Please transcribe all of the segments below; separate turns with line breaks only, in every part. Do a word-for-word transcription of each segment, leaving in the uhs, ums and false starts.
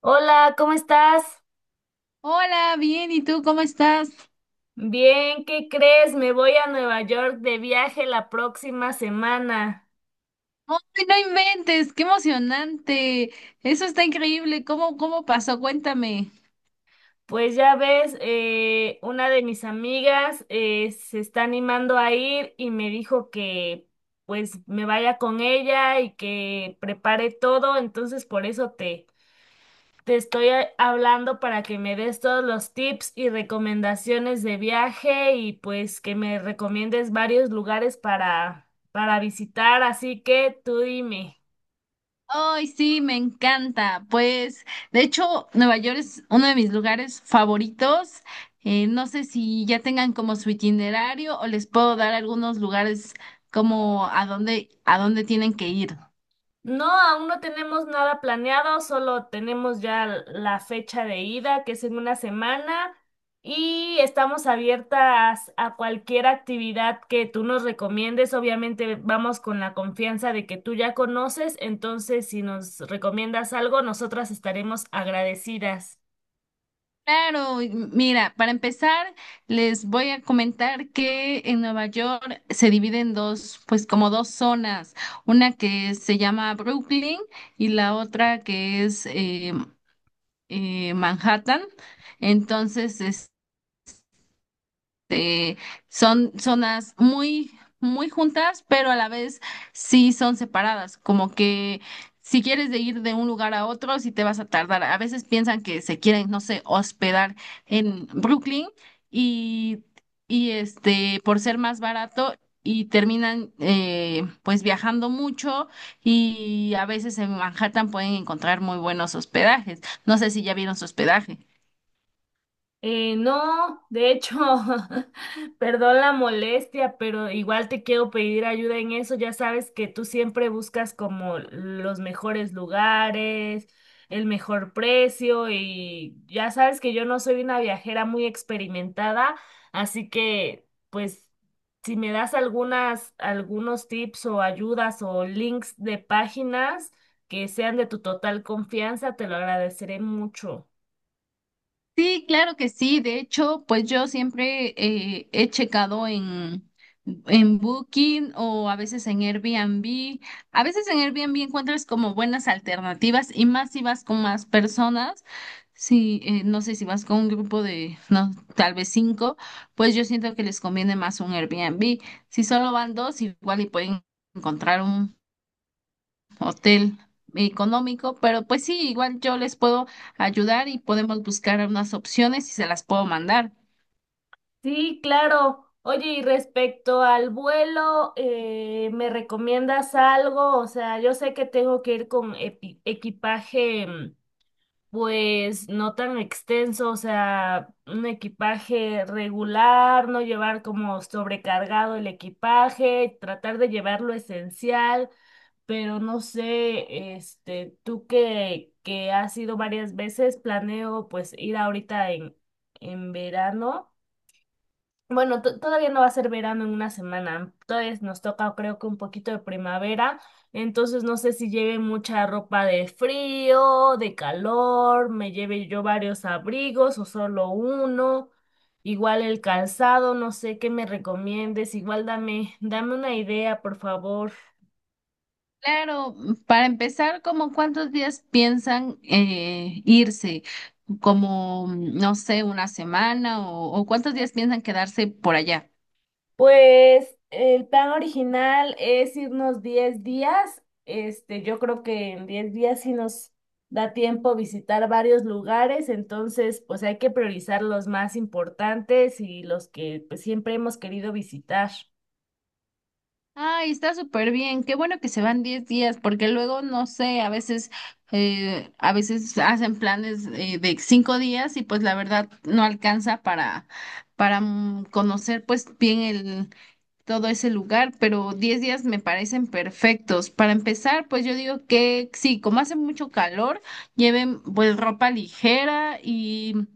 Hola, ¿cómo estás?
Hola, bien, ¿y tú cómo estás?
Bien, ¿qué crees? Me voy a Nueva York de viaje la próxima semana.
¡Ay, no inventes! ¡Qué emocionante! Eso está increíble. ¿Cómo, cómo pasó? Cuéntame.
Pues ya ves, eh, una de mis amigas eh, se está animando a ir y me dijo que pues me vaya con ella y que prepare todo, entonces por eso te, te estoy a- hablando para que me des todos los tips y recomendaciones de viaje y pues que me recomiendes varios lugares para, para visitar, así que tú dime.
¡Ay, sí, me encanta! Pues, de hecho, Nueva York es uno de mis lugares favoritos. Eh, no sé si ya tengan como su itinerario o les puedo dar algunos lugares como a dónde, a dónde tienen que ir.
No, aún no tenemos nada planeado, solo tenemos ya l- la fecha de ida, que es en una semana, y estamos abiertas a cualquier actividad que tú nos recomiendes. Obviamente vamos con la confianza de que tú ya conoces, entonces si nos recomiendas algo, nosotras estaremos agradecidas.
Claro, y m- mira, para empezar, les voy a comentar que en Nueva York se divide en dos, pues como dos zonas, una que se llama Brooklyn y la otra que es eh, eh, Manhattan. Entonces, eh, son zonas muy, muy juntas, pero a la vez sí son separadas, como que si quieres de ir de un lugar a otro, sí te vas a tardar. A veces piensan que se quieren, no sé, hospedar en Brooklyn y, y este, por ser más barato. Y terminan eh, pues viajando mucho y a veces en Manhattan pueden encontrar muy buenos hospedajes. No sé si ya vieron su hospedaje.
Eh, no, de hecho, perdón la molestia, pero igual te quiero pedir ayuda en eso. Ya sabes que tú siempre buscas como los mejores lugares, el mejor precio y ya sabes que yo no soy una viajera muy experimentada, así que pues si me das algunas, algunos tips o ayudas o links de páginas que sean de tu total confianza, te lo agradeceré mucho.
Sí, claro que sí. De hecho, pues yo siempre eh, he checado en, en Booking o a veces en Airbnb. A veces en Airbnb encuentras como buenas alternativas y más si vas con más personas. Sí, eh, no sé si vas con un grupo de, no, tal vez cinco, pues yo siento que les conviene más un Airbnb. Si solo van dos, igual y pueden encontrar un hotel económico, pero pues sí, igual yo les puedo ayudar y podemos buscar unas opciones y se las puedo mandar.
Sí, claro. Oye, y respecto al vuelo, eh, ¿me recomiendas algo? O sea, yo sé que tengo que ir con epi- equipaje, mm, pues no tan extenso, o sea, un equipaje regular, no llevar como sobrecargado el equipaje, tratar de llevar lo esencial, pero no sé, este, tú que, que has ido varias veces, planeo pues ir ahorita en, en verano. Bueno, to- todavía no va a ser verano en una semana. Todavía nos toca, creo que un poquito de primavera. Entonces no sé si lleve mucha ropa de frío, de calor, me lleve yo varios abrigos o solo uno. Igual el calzado, no sé qué me recomiendes. Igual dame, dame una idea, por favor.
Claro, para empezar, ¿como cuántos días piensan eh, irse? Como, no sé, una semana o, ¿o cuántos días piensan quedarse por allá?
Pues el plan original es irnos diez días. Este, yo creo que en diez días sí nos da tiempo visitar varios lugares, entonces pues hay que priorizar los más importantes y los que pues, siempre hemos querido visitar.
Ay, está súper bien. Qué bueno que se van diez días, porque luego, no sé, a veces, eh, a veces hacen planes eh, de cinco días y pues la verdad no alcanza para, para mm, conocer pues bien todo ese lugar, pero diez días me parecen perfectos. Para empezar, pues yo digo que sí, como hace mucho calor, lleven pues ropa ligera y,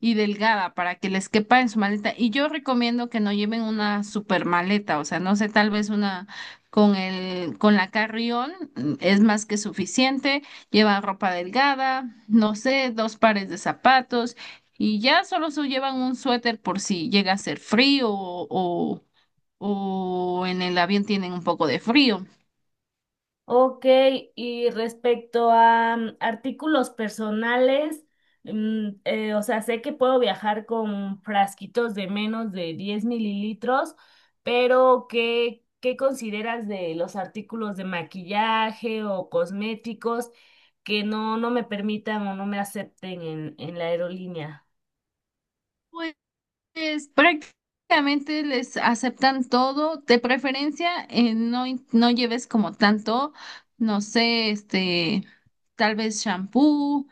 y delgada para que les quepa en su maleta. Y yo recomiendo que no lleven una super maleta, o sea, no sé, tal vez una con el, con la carrión mm, es más que suficiente. Llevan ropa delgada, no sé, dos pares de zapatos. Y ya solo se llevan un suéter por si llega a ser frío o, o en el avión tienen un poco de frío.
Ok, y respecto a mm, artículos personales, mm, eh, o sea, sé que puedo viajar con frasquitos de menos de diez mililitros, pero ¿qué, qué consideras de los artículos de maquillaje o cosméticos que no, no me permitan o no me acepten en, en la aerolínea?
Pues Pues prácticamente les aceptan todo, de preferencia eh, no, in- no lleves como tanto, no sé, este, tal vez shampoo,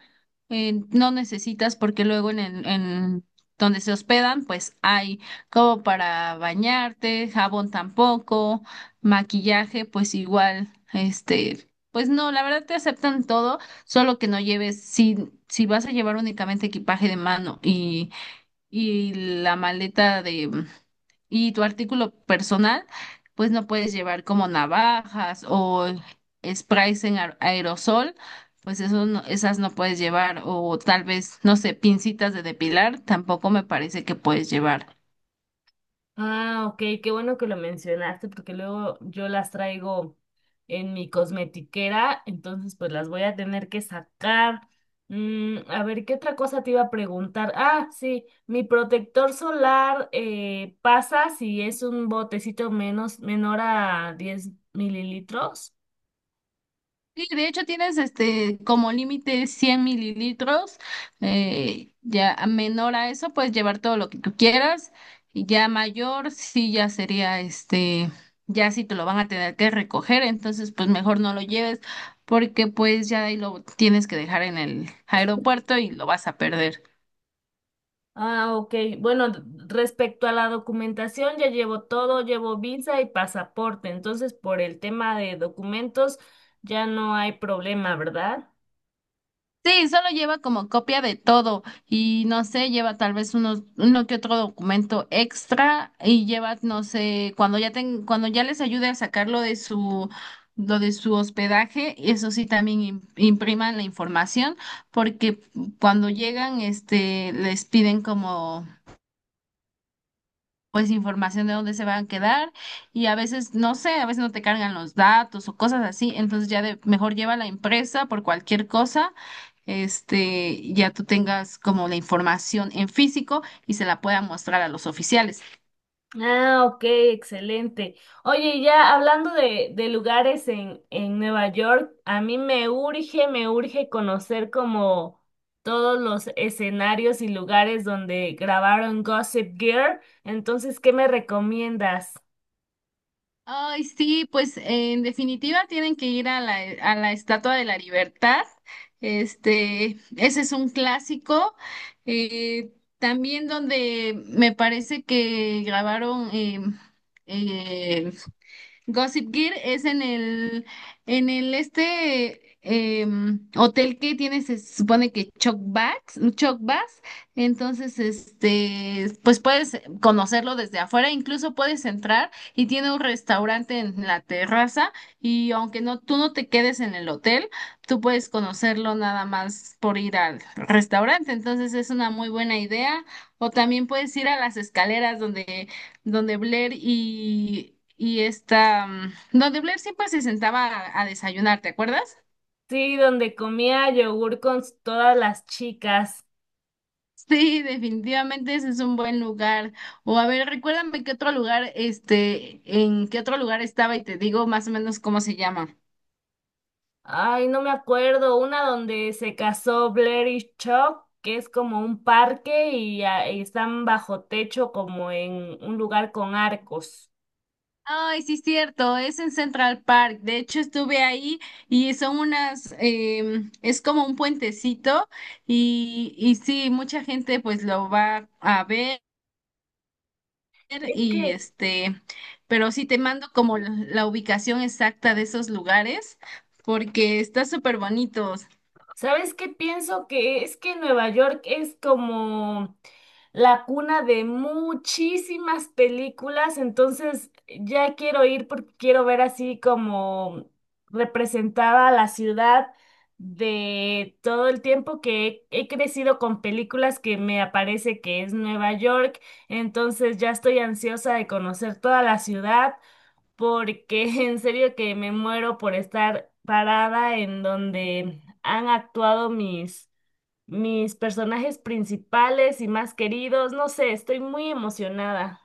eh, no necesitas porque luego en el, en donde se hospedan, pues hay como para bañarte, jabón tampoco, maquillaje, pues igual, este, pues no, la verdad te aceptan todo, solo que no lleves, si, si vas a llevar únicamente equipaje de mano y y la maleta de mm, y tu artículo personal, pues no puedes llevar como navajas o sprays en aer- aerosol, pues eso no- esas no puedes llevar o tal vez, no sé, pincitas de depilar, tampoco me parece que puedes llevar.
Ah, ok, qué bueno que lo mencionaste porque luego yo las traigo en mi cosmetiquera, entonces pues las voy a tener que sacar. Mm, a ver, ¿qué otra cosa te iba a preguntar? Ah, sí, mi protector solar eh, pasa si es un botecito menos, menor a diez mililitros.
Sí, de hecho tienes este como límite cien mililitros, eh, ya a menor a eso puedes llevar todo lo que tú quieras y ya mayor sí ya sería este, ya sí te lo van a tener que recoger, entonces pues mejor no lo lleves porque pues ya ahí lo tienes que dejar en el aeropuerto y lo vas a perder.
Ah, ok. Bueno, d- respecto a la documentación, ya llevo todo, llevo visa y pasaporte. Entonces, por el tema de documentos, ya no hay problema, ¿verdad?
Sí, solo lleva como copia de todo y no sé, lleva tal vez unos, uno que otro documento extra y lleva, no sé, cuando ya ten, cuando ya les ayude a sacarlo de su, lo de su hospedaje, eso sí también im- impriman la información porque cuando llegan, este, les piden como pues información de dónde se van a quedar y a veces no sé, a veces no te cargan los datos o cosas así, entonces ya de, mejor lleva la impresa por cualquier cosa, este, ya tú tengas como la información en físico y se la pueda mostrar a los oficiales.
Ah, ok, excelente. Oye, y ya hablando de, de lugares en, en Nueva York, a mí me urge, me urge conocer como todos los escenarios y lugares donde grabaron Gossip Girl. Entonces, ¿qué me recomiendas?
Ay, sí, pues en definitiva tienen que ir a la, a la Estatua de la Libertad. Este, ese es un clásico. eh, También donde me parece que grabaron em, eh, Gossip Gear es en el, en el este em, hotel que tiene, se supone que Chuck Bass, Chuck Bass, entonces este, pues puedes conocerlo desde afuera, incluso puedes entrar y tiene un restaurante en la terraza y aunque no, tú no te quedes en el hotel, tú puedes conocerlo nada más por ir al restaurante, entonces es una muy buena idea. O también puedes ir a las escaleras donde donde Blair y, y esta, mm, donde Blair siempre se sentaba a, a desayunar, ¿te acuerdas?
Sí, donde comía yogur con s- todas las chicas.
Sí, definitivamente ese es un buen lugar. O a ver, recuérdame qué otro lugar, este, en qué otro lugar estaba y te digo más o menos cómo se llama.
Ay, no me acuerdo. Una donde se casó Blair y Chuck, que es como un parque y, ah, y están bajo techo como en un lugar con arcos.
Ay, sí, cierto, es en Central Park. De hecho, estuve ahí y son unas, em, es como un puentecito y, y sí, mucha gente pues lo va a ver.
Es
y
que
este, pero sí te mando como la, la ubicación exacta de esos lugares porque está súper bonito.
¿sabes qué pienso? Que es que Nueva York es como la cuna de muchísimas películas, entonces ya quiero ir porque quiero ver así como representada la ciudad de todo el tiempo que he, he crecido con películas que me aparece que es Nueva York, entonces ya estoy ansiosa de conocer toda la ciudad porque en serio que me muero por estar parada en donde han actuado mis, mis personajes principales y más queridos. No sé, estoy muy emocionada.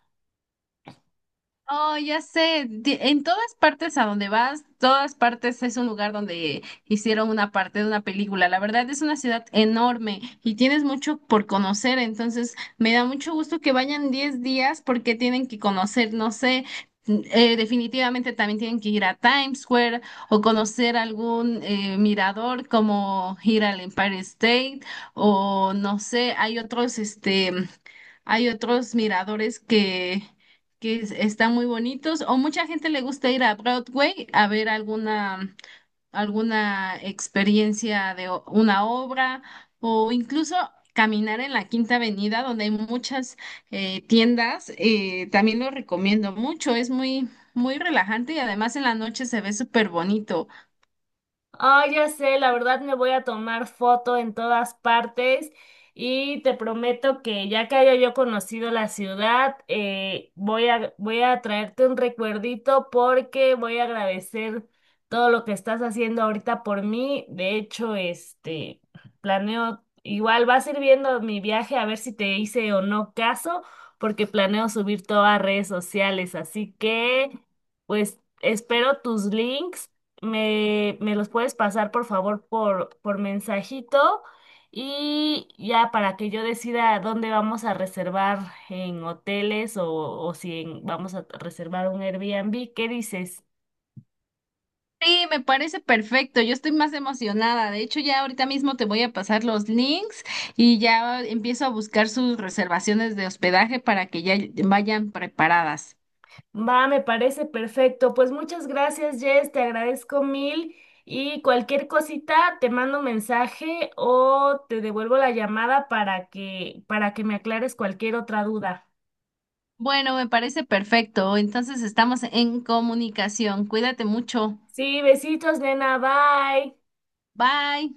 Oh, ya sé, di- en todas partes a donde vas, todas partes es un lugar donde hicieron una parte de una película. La verdad es una ciudad enorme y tienes mucho por conocer, entonces me da mucho gusto que vayan diez días porque tienen que conocer, no sé, mm, eh, definitivamente también tienen que ir a Times Square o conocer algún eh, mirador como ir al Empire State o no sé, hay otros, este... Hay otros miradores que, que es- están muy bonitos, o mucha gente le gusta ir a Broadway a ver alguna, alguna experiencia de o- una obra, o incluso caminar en la Quinta Avenida, donde hay muchas eh, tiendas. Eh, también lo recomiendo mucho, es muy, muy relajante y además en la noche se ve súper bonito.
Ah, ya sé, la verdad me voy a tomar foto en todas partes y te prometo que ya que haya yo conocido la ciudad, eh, voy a, voy a traerte un recuerdito porque voy a agradecer todo lo que estás haciendo ahorita por mí. De hecho, este, planeo, igual va a ir viendo mi viaje a ver si te hice o no caso, porque planeo subir todo a redes sociales, así que, pues, espero tus links me, me los puedes pasar por favor por, por mensajito y ya para que yo decida dónde vamos a reservar en hoteles o, o si en- vamos a reservar un Airbnb. ¿Qué dices?
Sí, me parece perfecto. Yo estoy más emocionada. De hecho, ya ahorita mismo te voy a pasar los links y ya empiezo a buscar sus reservaciones de hospedaje para que ya vayan preparadas.
Va, me parece perfecto. Pues muchas gracias, Jess, te agradezco mil y cualquier cosita te mando mensaje o te devuelvo la llamada para que para que me aclares cualquier otra duda.
Bueno, me parece perfecto. Entonces estamos en comunicación. Cuídate mucho.
Sí, besitos, nena, bye.
Bye.